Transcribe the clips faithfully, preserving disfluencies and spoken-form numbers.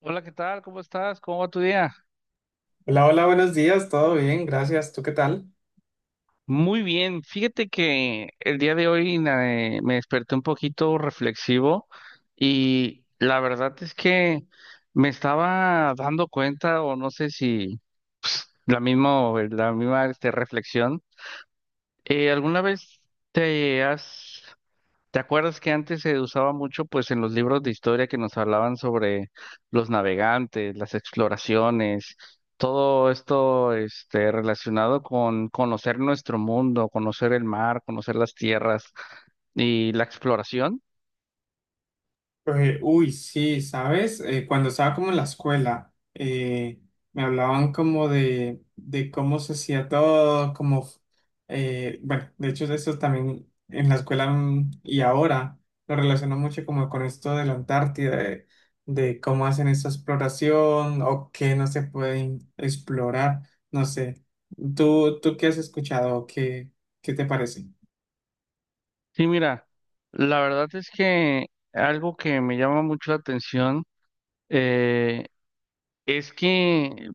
Hola, ¿qué tal? ¿Cómo estás? ¿Cómo va tu día? Hola, hola, buenos días, todo bien, gracias. ¿Tú qué tal? Muy bien. Fíjate que el día de hoy na- eh, me desperté un poquito reflexivo y la verdad es que me estaba dando cuenta, o no sé si la misma, la misma este, reflexión. Eh, ¿alguna vez te has? ¿Te acuerdas que antes se usaba mucho, pues, en los libros de historia que nos hablaban sobre los navegantes, las exploraciones, todo esto, este, relacionado con conocer nuestro mundo, conocer el mar, conocer las tierras y la exploración? Eh, uy, sí, sabes. Eh, cuando estaba como en la escuela, eh, me hablaban como de, de cómo se hacía todo, como, eh, bueno, de hecho eso también en la escuela, mm, y ahora lo relaciono mucho como con esto de la Antártida, de, de cómo hacen esa exploración o qué no se puede explorar, no sé. ¿Tú, tú qué has escuchado? ¿Qué, qué te parece? Sí, mira, la verdad es que algo que me llama mucho la atención, eh, es que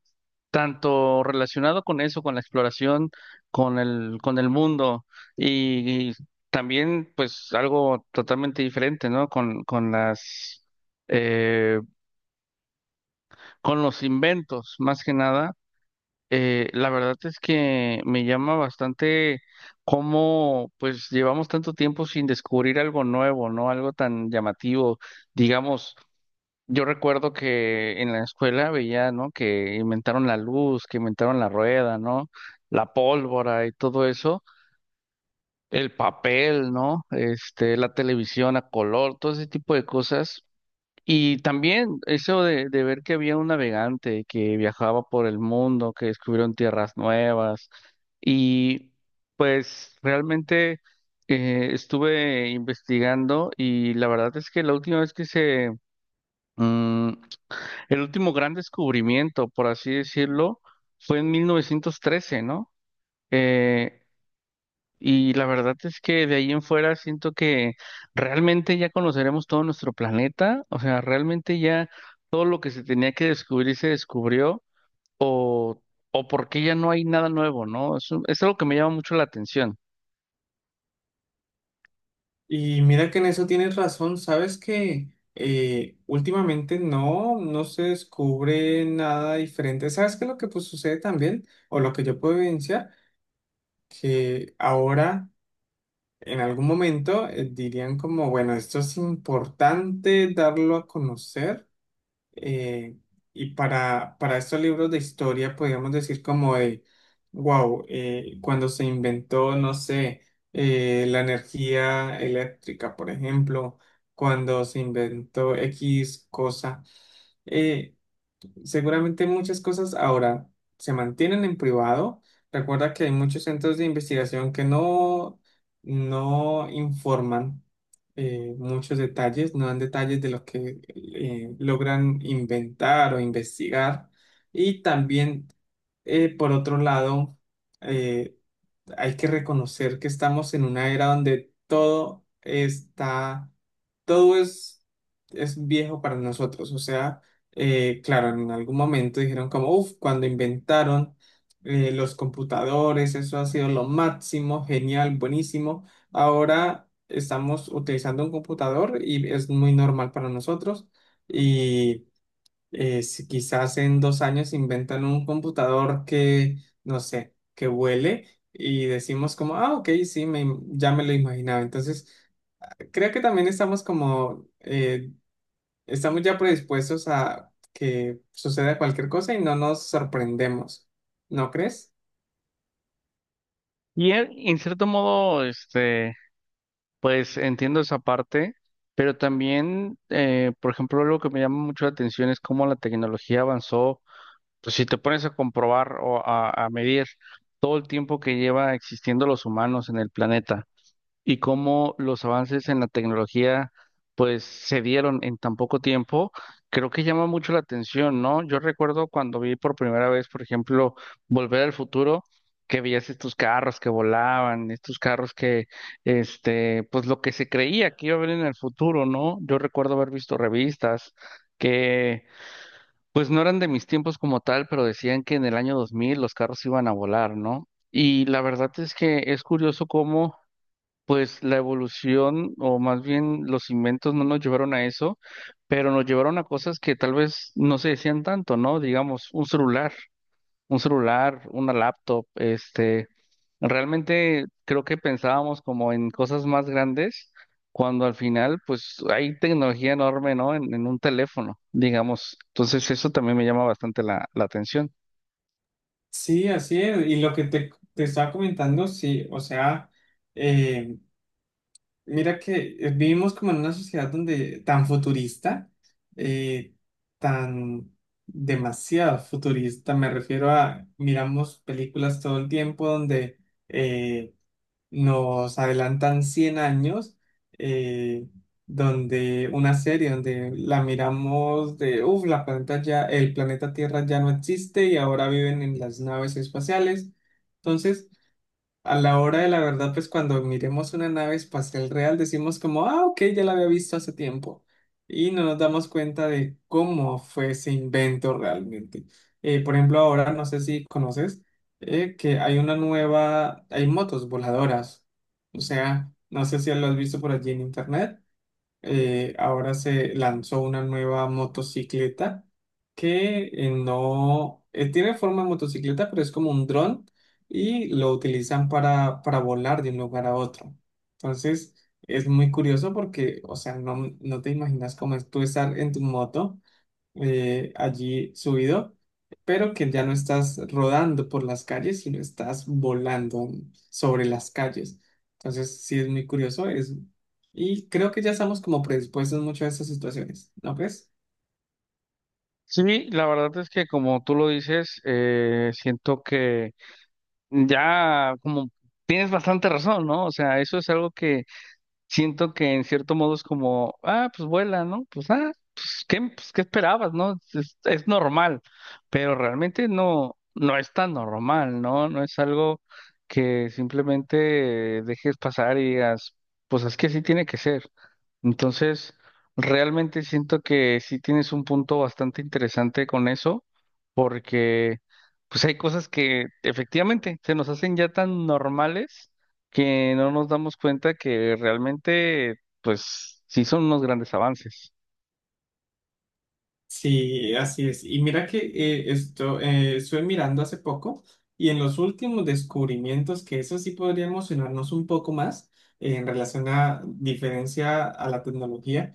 tanto relacionado con eso, con la exploración, con el, con el mundo y, y también pues algo totalmente diferente, ¿no? Con, con las, eh, con los inventos, más que nada. Eh, la verdad es que me llama bastante cómo pues llevamos tanto tiempo sin descubrir algo nuevo, ¿no? Algo tan llamativo, digamos. Yo recuerdo que en la escuela veía, ¿no?, que inventaron la luz, que inventaron la rueda, ¿no? La pólvora y todo eso, el papel, ¿no? Este, la televisión a color, todo ese tipo de cosas. Y también eso de, de ver que había un navegante que viajaba por el mundo, que descubrieron tierras nuevas. Y pues realmente, eh, estuve investigando y la verdad es que la última vez que se... mm, el último gran descubrimiento, por así decirlo, fue en mil novecientos trece, ¿no? Eh, y la verdad es que de ahí en fuera siento que realmente ya conoceremos todo nuestro planeta, o sea, realmente ya todo lo que se tenía que descubrir se descubrió, o porque ya no hay nada nuevo, ¿no? Es, un- es algo que me llama mucho la atención. Y mira que en eso tienes razón, sabes que, eh, últimamente no, no se descubre nada diferente. ¿Sabes qué es lo que, pues, sucede también? O lo que yo puedo evidenciar, que ahora en algún momento eh, dirían como, bueno, esto es importante darlo a conocer, eh, y para, para estos libros de historia, podríamos decir como de, wow, cuando se inventó, no sé, eh, la energía eléctrica, por ejemplo, cuando se inventó X cosa. Eh, Seguramente muchas cosas ahora se mantienen en privado. Recuerda que hay muchos centros de investigación que no, no informan eh, muchos detalles, no dan detalles de lo que eh, logran inventar o investigar. Y también, eh, por otro lado, eh, hay que reconocer que estamos en una era donde todo está, todo es, es viejo para nosotros. O sea, eh, claro, en algún momento dijeron como, uff, cuando inventaron eh, los computadores, eso ha sido lo máximo, genial, buenísimo. Ahora estamos utilizando un computador y es muy normal para nosotros. Y eh, si quizás en dos años inventan un computador que, no sé, que vuele, y decimos como, ah, ok, sí, me im- ya me lo imaginaba. Entonces, creo que también estamos como, eh, estamos ya predispuestos a que suceda cualquier cosa y no nos sorprendemos, ¿no crees? Y en, en cierto modo, este, pues entiendo esa parte, pero también, eh, por ejemplo, algo que me llama mucho la atención es cómo la tecnología avanzó. Pues si te pones a comprobar o a, a medir todo el tiempo que lleva existiendo los humanos en el planeta y cómo los avances en la tecnología pues se dieron en tan poco tiempo, creo que llama mucho la atención, ¿no? Yo recuerdo cuando vi por primera vez, por ejemplo, Volver al Futuro, que veías estos carros que volaban, estos carros que, este, pues lo que se creía que iba a haber en el futuro, ¿no? Yo recuerdo haber visto revistas que pues no eran de mis tiempos como tal, pero decían que en el año dos mil los carros iban a volar, ¿no? Y la verdad es que es curioso cómo, pues, la evolución o más bien los inventos no nos llevaron a eso, pero nos llevaron a cosas que tal vez no se decían tanto, ¿no? Digamos, un celular un celular, una laptop, este, realmente creo que pensábamos como en cosas más grandes, cuando al final pues hay tecnología enorme, ¿no? En, en un teléfono, digamos. Entonces eso también me llama bastante la, la atención. Sí, así es. Y lo que te, te estaba comentando, sí, o sea, mira que, eh, vivimos como en una sociedad donde tan futurista, eh, tan demasiado futurista, me refiero a, miramos películas todo el tiempo donde eh, nos adelantan cien años, eh, donde una serie donde la miramos de, uff, la planeta ya, el planeta Tierra ya no existe y ahora viven en las naves espaciales. Entonces, a la hora de la verdad, pues cuando miremos una nave espacial real, decimos como, ah, ok, ya la había visto hace tiempo. Y no nos damos cuenta de cómo fue ese invento realmente. Eh, por ejemplo, ahora no sé si conoces eh, que hay una nueva, hay motos voladoras. O sea, no sé si lo has visto por allí en internet. Eh, ahora se lanzó una nueva motocicleta que, eh, no eh, tiene forma de motocicleta, pero es como un dron, y lo utilizan para, para volar de un lugar a otro. Entonces, es muy curioso porque, o sea, no, no te imaginas cómo es tú estar en tu moto, eh, allí subido, pero que ya no estás rodando por las calles, sino estás volando sobre las calles. Entonces, sí es muy curioso eso. Y creo que ya estamos como predispuestos mucho a estas situaciones, ¿no crees? Sí, la verdad es que como tú lo dices, eh, siento que ya como tienes bastante razón, ¿no? O sea, eso es algo que siento que en cierto modo es como, ah, pues vuela, ¿no? Pues, ah, pues, ¿qué, pues, ¿qué esperabas, no? Es, es normal, pero realmente no, no es tan normal, ¿no? No es algo que simplemente dejes pasar y digas, pues es que así tiene que ser. Entonces, realmente siento que sí tienes un punto bastante interesante con eso, porque pues hay cosas que efectivamente se nos hacen ya tan normales que no nos damos cuenta que realmente, pues, sí son unos grandes avances. Sí, así es. Y mira que, eh, esto, eh, estuve mirando hace poco, y en los últimos descubrimientos, que eso sí podría emocionarnos un poco más, eh, en relación a diferencia a la tecnología,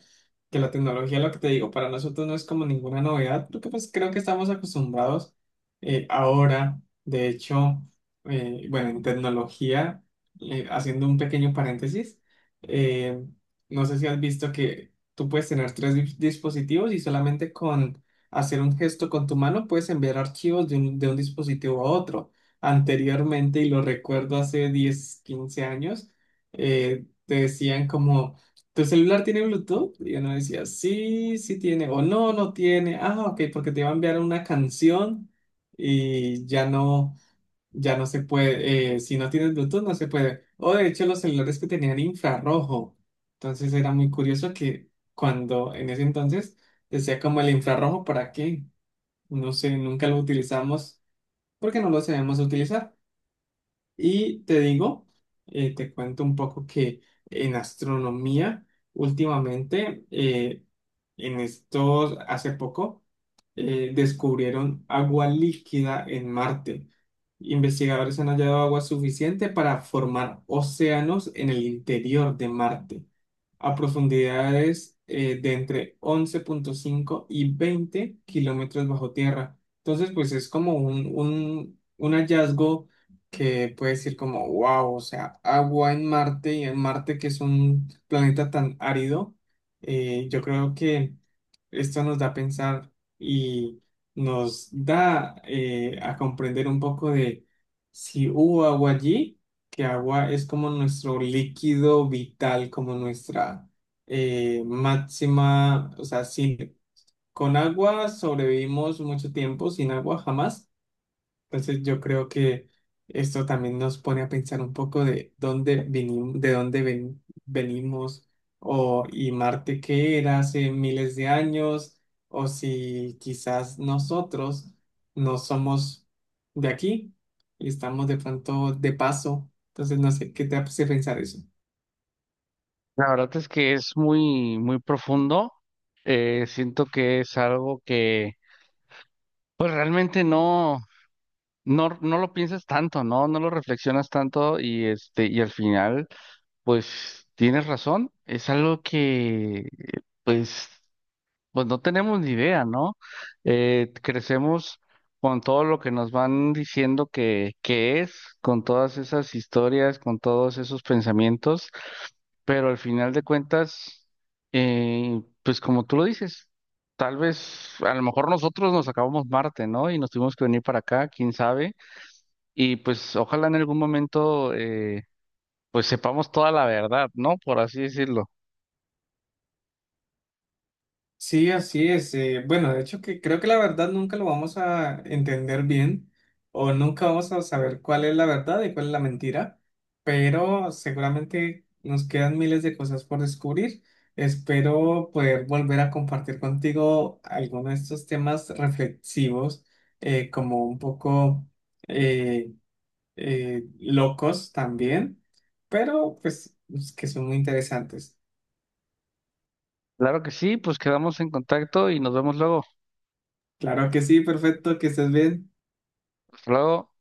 que la tecnología, lo que te digo, para nosotros no es como ninguna novedad, porque pues creo que estamos acostumbrados. Eh, ahora, de hecho, eh, bueno, en tecnología, eh, haciendo un pequeño paréntesis, eh, no sé si has visto que tú puedes tener tres di- dispositivos y solamente con hacer un gesto con tu mano puedes enviar archivos de un, de un dispositivo a otro. Anteriormente, y lo recuerdo hace diez quince años, eh, te decían como, ¿tu celular tiene Bluetooth? Y uno decía, sí, sí tiene, o no, no tiene. Ah, ok, porque te iba a enviar una canción y ya no. Ya no se puede, eh, si no tienes Bluetooth no se puede. O de hecho los celulares que tenían infrarrojo. Entonces era muy curioso que cuando en ese entonces decía como el infrarrojo, ¿para qué? No sé, nunca lo utilizamos porque no lo sabemos utilizar. Y te digo, eh, te cuento un poco que en astronomía últimamente, eh, en estos, hace poco, eh, descubrieron agua líquida en Marte. Investigadores han hallado agua suficiente para formar océanos en el interior de Marte, a profundidades, eh, de entre once punto cinco y veinte kilómetros bajo tierra. Entonces, pues es como un, un, un hallazgo que puede decir como, wow, o sea, agua en Marte, y en Marte, que es un planeta tan árido, eh, yo creo que esto nos da a pensar y nos da, eh, a comprender un poco de si hubo agua allí, que agua es como nuestro líquido vital, como nuestra, eh, máxima, o sea, sin, con agua sobrevivimos mucho tiempo, sin agua jamás. Entonces yo creo que esto también nos pone a pensar un poco de dónde venimos, de dónde ven- venimos, o y Marte qué era hace miles de años, o si quizás nosotros no somos de aquí y estamos de pronto de paso. Entonces no sé qué te hace pensar eso. La verdad es que es muy, muy profundo. Eh, siento que es algo que, pues, realmente no, no, no lo piensas tanto, ¿no? No lo reflexionas tanto y, este, y al final, pues, tienes razón. Es algo que, pues, pues no tenemos ni idea, ¿no? Eh, crecemos con todo lo que nos van diciendo que, que es, con todas esas historias, con todos esos pensamientos, pero al final de cuentas, eh, pues como tú lo dices, tal vez, a lo mejor nosotros nos acabamos Marte, ¿no? Y nos tuvimos que venir para acá, quién sabe, y pues ojalá en algún momento, eh, pues sepamos toda la verdad, ¿no? Por así decirlo. Sí, así es. eh, bueno, de hecho que creo que la verdad nunca lo vamos a entender bien, o nunca vamos a saber cuál es la verdad y cuál es la mentira, pero seguramente nos quedan miles de cosas por descubrir. Espero poder volver a compartir contigo algunos de estos temas reflexivos, eh, como un poco, eh, eh, locos también, pero pues que son muy interesantes. Claro que sí, pues quedamos en contacto y nos vemos luego. Claro que sí, perfecto, que estés bien. Hasta luego.